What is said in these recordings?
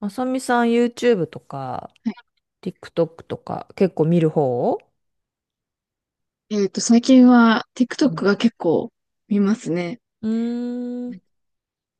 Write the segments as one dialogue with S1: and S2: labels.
S1: まさみさん YouTube とか
S2: は
S1: TikTok とか結構見る方？
S2: い。最近は
S1: うん
S2: TikTok が結構見ますね。
S1: うーん。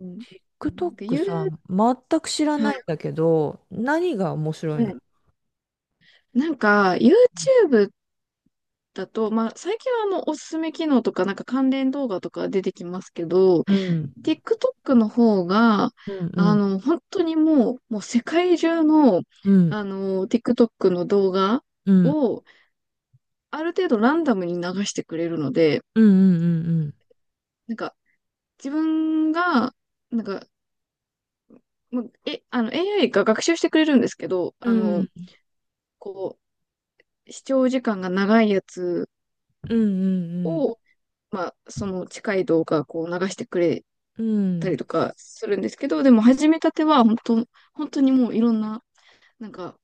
S2: うん。うんで、
S1: TikTok
S2: ゆう、
S1: さ、全く知ら
S2: は
S1: な
S2: い。
S1: いんだけど、何が面白い
S2: は
S1: の？
S2: いなんか、YouTube だと、最近はおすすめ機能とか、なんか関連動画とか出てきますけど、
S1: うん。
S2: TikTok の方が、
S1: うんうん
S2: 本当にもう世界中の、
S1: うん
S2: TikTok の動画
S1: うん
S2: を、ある程度ランダムに流してくれるので、
S1: うんうん
S2: なんか、自分が、なんか、もう、え、あの、AI が学習してくれるんですけど、
S1: うんうんうん
S2: こ視聴時間が長いやつ
S1: うん
S2: を、その近い動画、流してくれ
S1: うんう
S2: たり
S1: ん
S2: とかするんですけど、でも、始めたては、本当にもういろんな、なんか、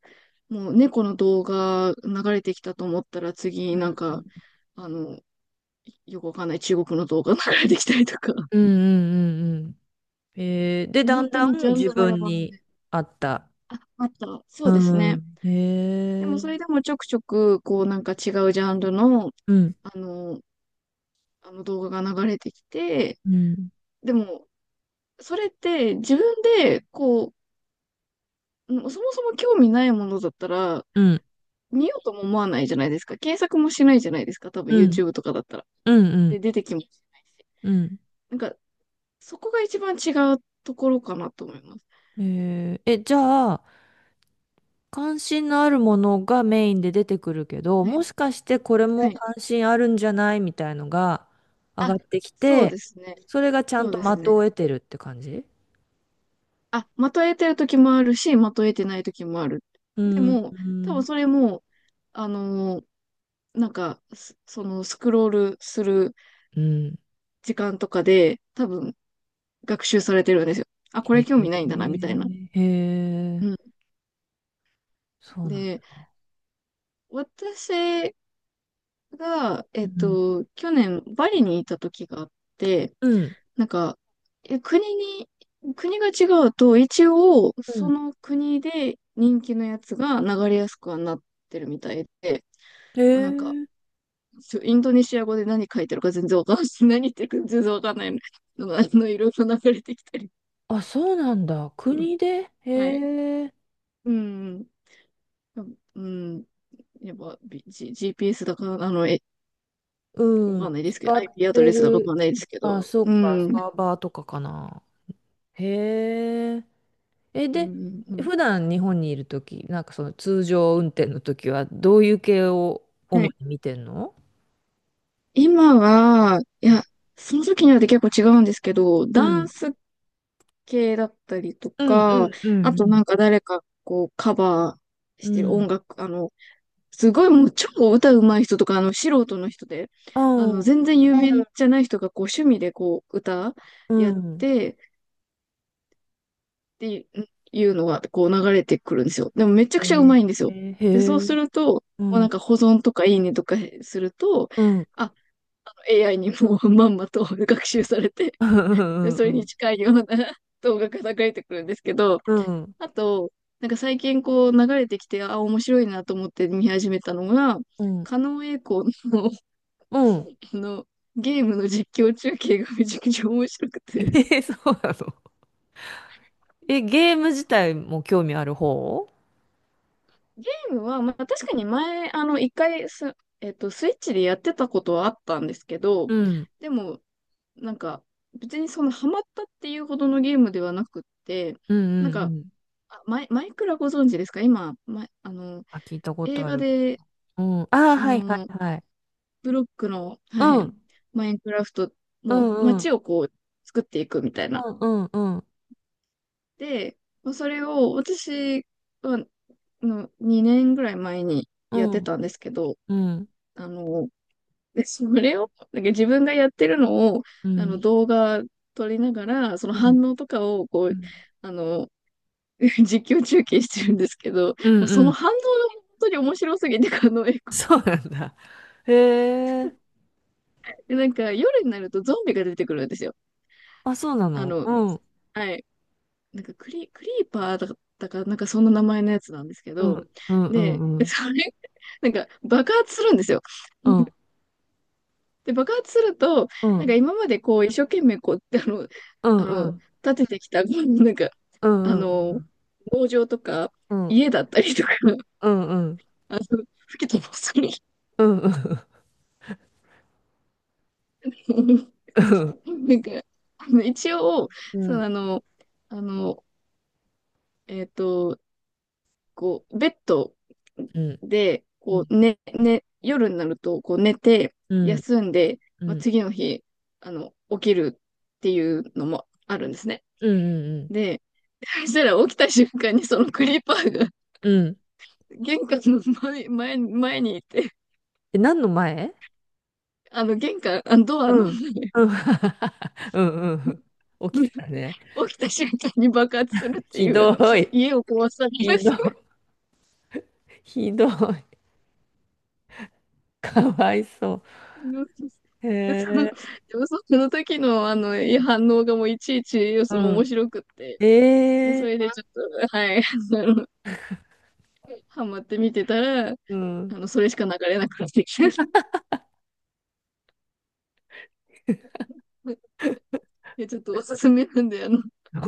S2: もう猫の動画流れてきたと思ったら、次、
S1: うん
S2: あの、よくわかんない中国の動画流れてきたりとか、
S1: うんうんで、
S2: もう
S1: だん
S2: 本当
S1: だ
S2: にジ
S1: ん
S2: ャン
S1: 自
S2: ルバラ
S1: 分
S2: バラ
S1: に
S2: で。
S1: 合った。
S2: あ、あった。そうです
S1: う
S2: ね。
S1: ん。へ
S2: でも、それ
S1: え。
S2: でもちょくちょく、なんか違うジャンルの、
S1: うん
S2: あの、あの動画が流れてきて、
S1: うん
S2: でも、それって自分でそもそも興味ないものだったら、
S1: うん
S2: 見ようとも思わないじゃないですか。検索もしないじゃないですか。多分
S1: うん
S2: YouTube とかだったら。
S1: うんう
S2: で、
S1: ん
S2: 出てきもしないし。
S1: うん
S2: なんか、そこが一番違うところかなと思います。
S1: じゃあ、関心のあるものがメインで出てくるけど、
S2: はい。
S1: もしかしてこれ
S2: は
S1: も
S2: い。
S1: 関心あるんじゃないみたいのが上が
S2: あ、
S1: ってき
S2: そう
S1: て、
S2: ですね。
S1: それがちゃん
S2: そう
S1: と
S2: で
S1: 的
S2: すね。
S1: を得てるって感じ？
S2: あ、まとえてる時もあるし、まとえてない時もある。
S1: う
S2: で
S1: ん、
S2: も、
S1: う
S2: 多分
S1: ん、
S2: それも、あのーそのスクロールする
S1: うん。
S2: 時間とかで多分学習されてるんですよ。あ、これ
S1: へ
S2: 興
S1: え、
S2: 味ないんだな、みたいな。
S1: へえ、
S2: うん。
S1: そうなん
S2: で、
S1: だ。
S2: 私が、
S1: うん、
S2: 去年バリにいた時があって、
S1: うん、
S2: なんか、え、国に、国が違うと、一応、
S1: う
S2: そ
S1: ん。
S2: の国で人気のやつが流れやすくはなってるみたいで、
S1: へ
S2: なんか、
S1: え、
S2: インドネシア語で何書いてるか全然わかんない。何言ってるか全然わかんないのが、いろいろ流れてきたり。
S1: あ、そうなんだ。国で、
S2: はい。
S1: へえ、
S2: うん。うん。やっぱ、GPS だか、
S1: う
S2: わか
S1: ん、
S2: んないですけ
S1: 使
S2: ど、
S1: っ
S2: IP アド
S1: て
S2: レスだかわ
S1: る。
S2: かんないですけど。
S1: あ、そ
S2: う
S1: っ
S2: ん。
S1: か、
S2: うん、
S1: サーバーとかかな。へえ。
S2: う
S1: で、
S2: ん、う
S1: 普段日本にいるとき、なんかその通常運転のときは、どういう系を
S2: ん。
S1: 主
S2: はい。
S1: に見てんの？
S2: 今は、いや、その時によって結構違うんですけど、
S1: う
S2: ダン
S1: ん。
S2: ス系だったりと
S1: うん
S2: か、
S1: うんう
S2: あとな
S1: ん
S2: んか誰かこうカバーし
S1: うん。
S2: てる
S1: う
S2: 音
S1: ん。
S2: 楽、すごいもう超歌うまい人とか、素人の人で、
S1: ああ、
S2: 全然有名じゃない人がこう趣味でこう歌
S1: う
S2: やっ
S1: ん。
S2: て、っていうのがこう流れてくるんですよ。でもめちゃ
S1: へ
S2: くちゃう
S1: ー、
S2: まいんです
S1: え
S2: よ。で、そう
S1: へえ、
S2: すると、
S1: う
S2: もうなん
S1: ん、
S2: か保存とかいいねとかすると、
S1: うん。
S2: あ、あの AI にもうまんまと学習されて、
S1: うんう
S2: で、
S1: ん
S2: そ
S1: う
S2: れに
S1: ん
S2: 近いような 動画が流れてくるんですけど、あと、なんか最近こう流れてきて、あ、面白いなと思って見始めたのが、
S1: うん。
S2: 狩野英孝の
S1: うん。
S2: あの、ゲームの実況中継がめちゃくちゃ面白く
S1: え
S2: て、
S1: ー、そうなの。え、ゲーム自体も興味ある方？
S2: ゲームは、まあ、確かに前、あの、一回す、えっと、スイッチでやってたことはあったんですけど、
S1: うん。
S2: でも、なんか、別にそのハマったっていうほどのゲームではなくって、
S1: うんう
S2: なん
S1: んう
S2: か、
S1: ん。
S2: マイクラご存知ですか今、ま、あの、
S1: あ、聞いたこ
S2: 映
S1: とあ
S2: 画
S1: る。
S2: で、
S1: うん。ああ、
S2: あ
S1: はいは
S2: の、
S1: いはい。
S2: ブロックの、は
S1: う
S2: い、
S1: ん。
S2: マインクラフト、
S1: う
S2: もう
S1: んう
S2: 街
S1: ん。
S2: をこう、作っていくみたいな。
S1: うんうん
S2: で、まあそれを私は2年ぐらい前に
S1: う
S2: やって
S1: ん。
S2: たんですけど、
S1: うん、
S2: あの、で、それを、なんか自分がやってるのを、
S1: うん、
S2: 動画撮りながら、その
S1: うん、
S2: 反応とかを、
S1: うん、
S2: あの、実況中継してるんですけど、
S1: うん、
S2: もうそ
S1: う
S2: の
S1: ん、
S2: 反応が本当に面白すぎて、こ
S1: そうなんだ。へえ、
S2: れで、なんか夜になるとゾンビが出てくるんですよ。
S1: あ、そうな
S2: あ
S1: の。
S2: の、
S1: うん、
S2: はい。クリーパーだったか、なんかそんな名前のやつなんですけ
S1: う
S2: ど、
S1: ん、うん、う
S2: で、
S1: ん、うん、
S2: それ、なんか爆発するんですよ。
S1: うん、
S2: で、爆発すると、
S1: う
S2: なんか
S1: ん、
S2: 今までこう、一生懸命こう、
S1: うん、
S2: あ
S1: う
S2: の、
S1: ん、
S2: 建ててきた、
S1: う
S2: あ
S1: ん、
S2: の、農場とか、
S1: うん、うん、
S2: 家だったりとか、
S1: うん、
S2: あの、吹き飛ばされる。
S1: うん、うん、
S2: なんか、あの一応、
S1: う
S2: その
S1: ん、
S2: あの、あの、えっと、ベッド
S1: うん、
S2: で、
S1: うん、うん、
S2: 夜になると、寝て、
S1: うん、
S2: 休んで、
S1: う
S2: まあ、
S1: ん、
S2: 次の日、起きるっていうのもあるんですね。
S1: うん、
S2: でそしたら起きた瞬間にそのクリーパーが
S1: うん、
S2: 玄関の前にいて、
S1: え、何の前？
S2: あの玄関、あのドア
S1: う
S2: の
S1: ん、うん、うん、うん、起き たね。
S2: 起きた瞬間に爆発するって
S1: ひ
S2: い
S1: ど
S2: う、
S1: い、
S2: 家を壊され
S1: ひ
S2: る。
S1: どい、ひどい、かわいそう。へ
S2: で、その、
S1: え、
S2: でもその時のあの反応がもういちいち、
S1: う
S2: その面
S1: ん、
S2: 白くって、もう
S1: え
S2: そ
S1: え、
S2: れでちょっと、はい、あの、ハマって見てたら、
S1: うん。
S2: それしか流れなくなってきて、でちょっとおすすめなんで、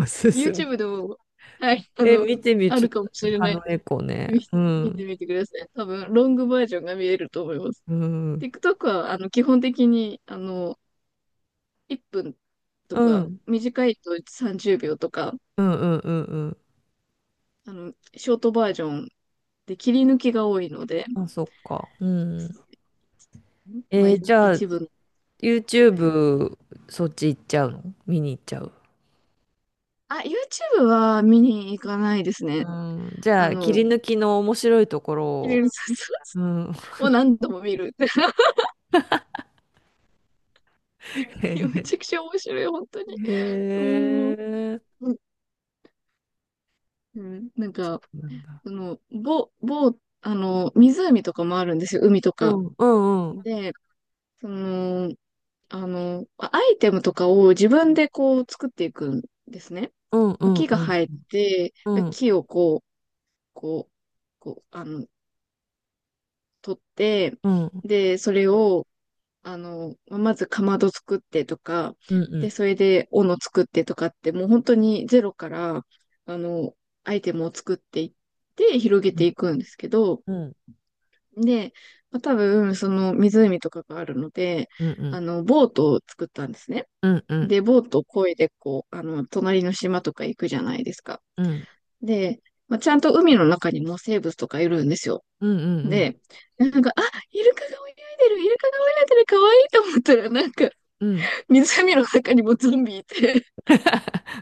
S1: 進む。
S2: YouTube でも、はい、あ
S1: え
S2: の、
S1: 見てみ
S2: あ
S1: ちょっ
S2: るかもし
S1: と
S2: れ
S1: あ
S2: ない。
S1: の猫ね。
S2: 見
S1: う
S2: 見て
S1: ん
S2: みてください。多分、ロングバージョンが見えると思います。
S1: うん
S2: TikTok は、基本的に、1分と
S1: う
S2: か、
S1: ん
S2: 短いと30秒とか、
S1: うんうんうんうんう
S2: ショートバージョンで切り抜きが多いので、
S1: ん。あそっか。うん。
S2: そうまあ、
S1: じゃあ
S2: 一部の、はい。
S1: YouTube そっち行っちゃうの見に行っちゃう？
S2: あ、YouTube は見に行かないです
S1: う
S2: ね。
S1: ん。じゃ
S2: あ
S1: あ切
S2: の、
S1: り抜きの面白いとこ
S2: 切り
S1: ろ。
S2: 抜き
S1: うん。
S2: を何度も見る。
S1: へ
S2: いやめ
S1: へ
S2: ちゃくちゃ面白い、本当に。
S1: へ。
S2: うん。
S1: へえ。
S2: うん。なんか、
S1: なんだ。
S2: その、ぼ、ぼ、あの、湖とかもあるんですよ、海と
S1: う
S2: か。
S1: んうんうん
S2: で、その、あの、アイテムとかを自分でこう作っていくんですね。
S1: うんうん
S2: 木が
S1: う
S2: 生
S1: ん
S2: えて
S1: う
S2: て、
S1: ん
S2: 木をこう、こう、こう、あの、取って、
S1: うん
S2: で、それを、まずかまど作ってとか、
S1: うんう
S2: で、
S1: ん
S2: それで斧作ってとかって、もう本当にゼロから、あの、アイテムを作っていって、広げていくんですけど、
S1: うん
S2: で、まあ、多分、その湖とかがあるので、
S1: うんうん
S2: ボートを作ったんですね。
S1: うんうん
S2: で、ボートを漕いで、隣の島とか行くじゃないですか。
S1: うんうん
S2: で、まあ、ちゃんと海の中にも生物とかいるんですよ。
S1: うんうん。
S2: で、なんか、あ、イルカが泳いでる、イルカが泳いでる、かわいいと思ったら、
S1: うん。
S2: 湖の中にもゾンビいて、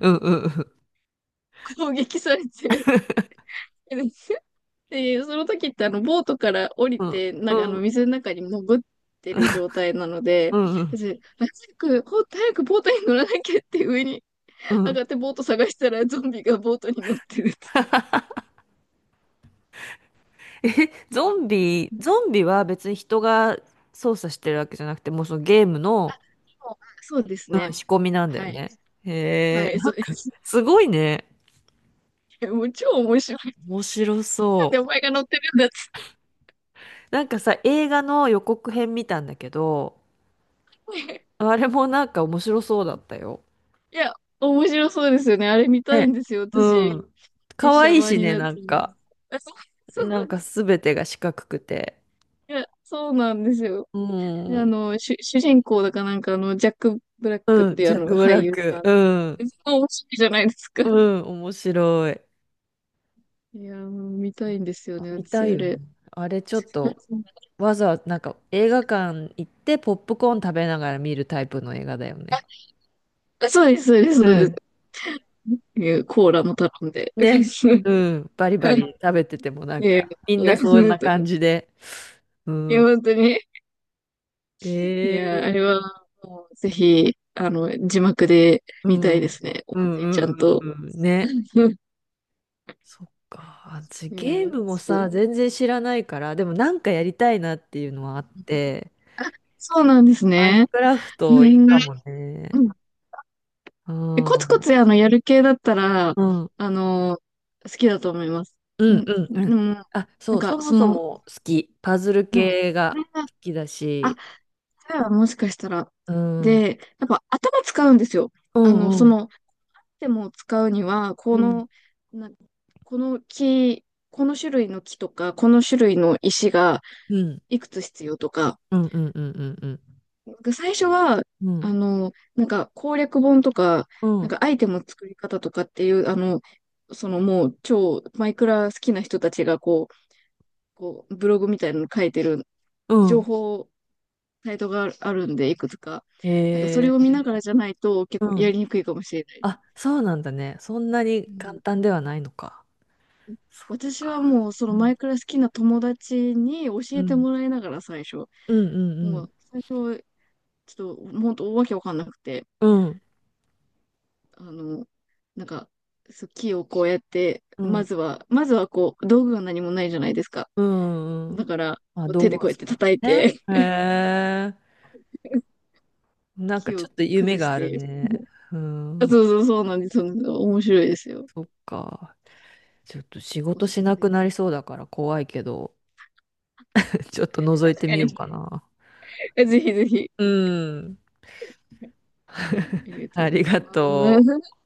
S1: うんうん
S2: 攻撃されて、で、その時ってあの、ボートから降り
S1: うん
S2: て、な
S1: う
S2: んかあの、
S1: ん
S2: 水の中に潜ってる状態なので、
S1: うんうん
S2: 私、早く、ほんと早くボートに乗らなきゃって上に
S1: うん。う
S2: 上が
S1: ん
S2: ってボート探したらゾンビがボートに乗ってるって言って。
S1: え、ゾンビ、ゾンビは別に人が操作してるわけじゃなくて、もうそのゲームの、
S2: そうそうです
S1: うん、
S2: ね。
S1: 仕込みなんだよ
S2: はい。
S1: ね。へえ、
S2: はい、
S1: な
S2: そうで
S1: んか
S2: す。い
S1: すごいね。
S2: やもう超面白い。
S1: 面白
S2: なん
S1: そ
S2: でお
S1: う。
S2: 前が乗ってるんだっつ
S1: なんかさ、映画の予告編見たんだけど、
S2: って。
S1: あれもなんか面白そうだったよ。
S2: いや、面白そうですよね。あれ見たいん
S1: ね。
S2: ですよ、
S1: う
S2: 私。
S1: ん。
S2: 実
S1: 可
S2: 写
S1: 愛い
S2: 版
S1: し
S2: に
S1: ね、
S2: なっ
S1: なん
S2: てる。
S1: か。
S2: あそう、そう
S1: な
S2: な
S1: ん
S2: んで
S1: か
S2: す。
S1: すべてが四角くて。
S2: いや、そうなんですよ。
S1: う
S2: で
S1: ん。
S2: 主人公だかなんかあの、ジャック・ブラックっ
S1: うん、
S2: ていう
S1: ジ
S2: あ
S1: ャッ
S2: の、
S1: ク・ブ
S2: 俳
S1: ラッ
S2: 優さ
S1: ク。
S2: ん。
S1: うん。
S2: すごい面白いじゃないですか。
S1: うん、面白い。
S2: いやー、もう見たいんですよ
S1: あ
S2: ね、
S1: 見た
S2: 私
S1: い
S2: あ
S1: よね。
S2: れ。
S1: あれちょっと わざわざなんか映画館行ってポップコーン食べながら見るタイプの映画だよね。
S2: あ、そうです、そうです、そ
S1: う
S2: うです。
S1: ん。
S2: いやコーラも頼んで。
S1: ね。うん。バリバリ食べててもなん
S2: いや、い
S1: かみんなそんな
S2: い
S1: 感じで。う
S2: や、
S1: ん。
S2: 本当に。いや、あれ
S1: え
S2: は、
S1: え
S2: もう、ぜひ、字幕で
S1: う
S2: 見た
S1: ん。う
S2: い
S1: ん
S2: ですね。音
S1: う
S2: 声ちゃ
S1: ん
S2: ん
S1: う
S2: と。
S1: んうん。ね。そっか。私
S2: うん、
S1: ゲ
S2: い
S1: ー
S2: や
S1: ムも
S2: ちょっ
S1: さ、
S2: と
S1: 全然知らないから、でもなんかやりたいなっていうのはあって、
S2: そうなんです
S1: マイン
S2: ね。
S1: クラフ
S2: う
S1: トいい
S2: ん。
S1: かもね。う
S2: え、コツコ
S1: ん。
S2: ツやる系だったら、
S1: うん。
S2: あの、好きだと思います。
S1: う
S2: うん、
S1: んうんう
S2: で
S1: ん。
S2: も、
S1: あ、
S2: な
S1: そ
S2: ん
S1: う、
S2: か、
S1: そも
S2: そ
S1: そ
S2: の、
S1: も好き。パズル
S2: はい
S1: 系が好きだ
S2: あ、
S1: し。
S2: それはもしかしたら。
S1: うん。うん
S2: で、やっぱ頭使うんですよ。
S1: う
S2: あの、そ
S1: ん
S2: の、でも使うには、
S1: うん。
S2: な、この木、この種類の木とか、この種類の石が
S1: うん
S2: いくつ必要とか、
S1: うんうんうんうん
S2: 僕最初は、
S1: うん。うん
S2: なんか攻略本とか、
S1: う
S2: なん
S1: ん
S2: かアイテムの作り方とかっていう、そのもう超マイクラ好きな人たちがこう、こうブログみたいなの書いてる
S1: う
S2: 情
S1: ん。
S2: 報サイトがあるんで、いくつか。なんかそれ
S1: へ
S2: を見
S1: え。
S2: ながらじゃないと結構
S1: う
S2: やり
S1: ん。
S2: にくいかもしれない。
S1: あ、そうなんだね。そんなに
S2: う
S1: 簡
S2: ん、
S1: 単ではないのか。そっ
S2: 私
S1: か。
S2: はもうそ
S1: う
S2: のマイ
S1: ん
S2: クラ好きな友達に教
S1: う
S2: えて
S1: ん
S2: もらいながら最初、
S1: うんう
S2: も
S1: ん
S2: う最初ちょっと本当わけわかんなくて、
S1: うん
S2: あの、なんか、そう、木をこうやって、
S1: うん
S2: まずはこう、道具が何もないじゃないですか。
S1: うんう
S2: だ
S1: ん。
S2: から、
S1: まあ、
S2: こう
S1: 道
S2: 手
S1: 具
S2: で
S1: を
S2: こうやっ
S1: 使
S2: て
S1: って
S2: 叩い
S1: ね。
S2: て、
S1: へえ。なんか
S2: 木
S1: ちょ
S2: を
S1: っと夢
S2: 崩し
S1: がある
S2: て。
S1: ね。う
S2: あ
S1: ん。
S2: そうそうそうなんです。そうなんです。面白いですよ。
S1: そっか。ちょっと仕
S2: お
S1: 事
S2: す
S1: し
S2: すめ
S1: なく
S2: で
S1: なり
S2: す。
S1: そうだから怖いけど、ちょっと覗い
S2: 確
S1: て
S2: か
S1: みよ
S2: に。
S1: うかな。
S2: ぜひぜひ。
S1: うん。
S2: ありが と
S1: あ
S2: うご
S1: り
S2: ざい
S1: がと
S2: ま
S1: う。
S2: す。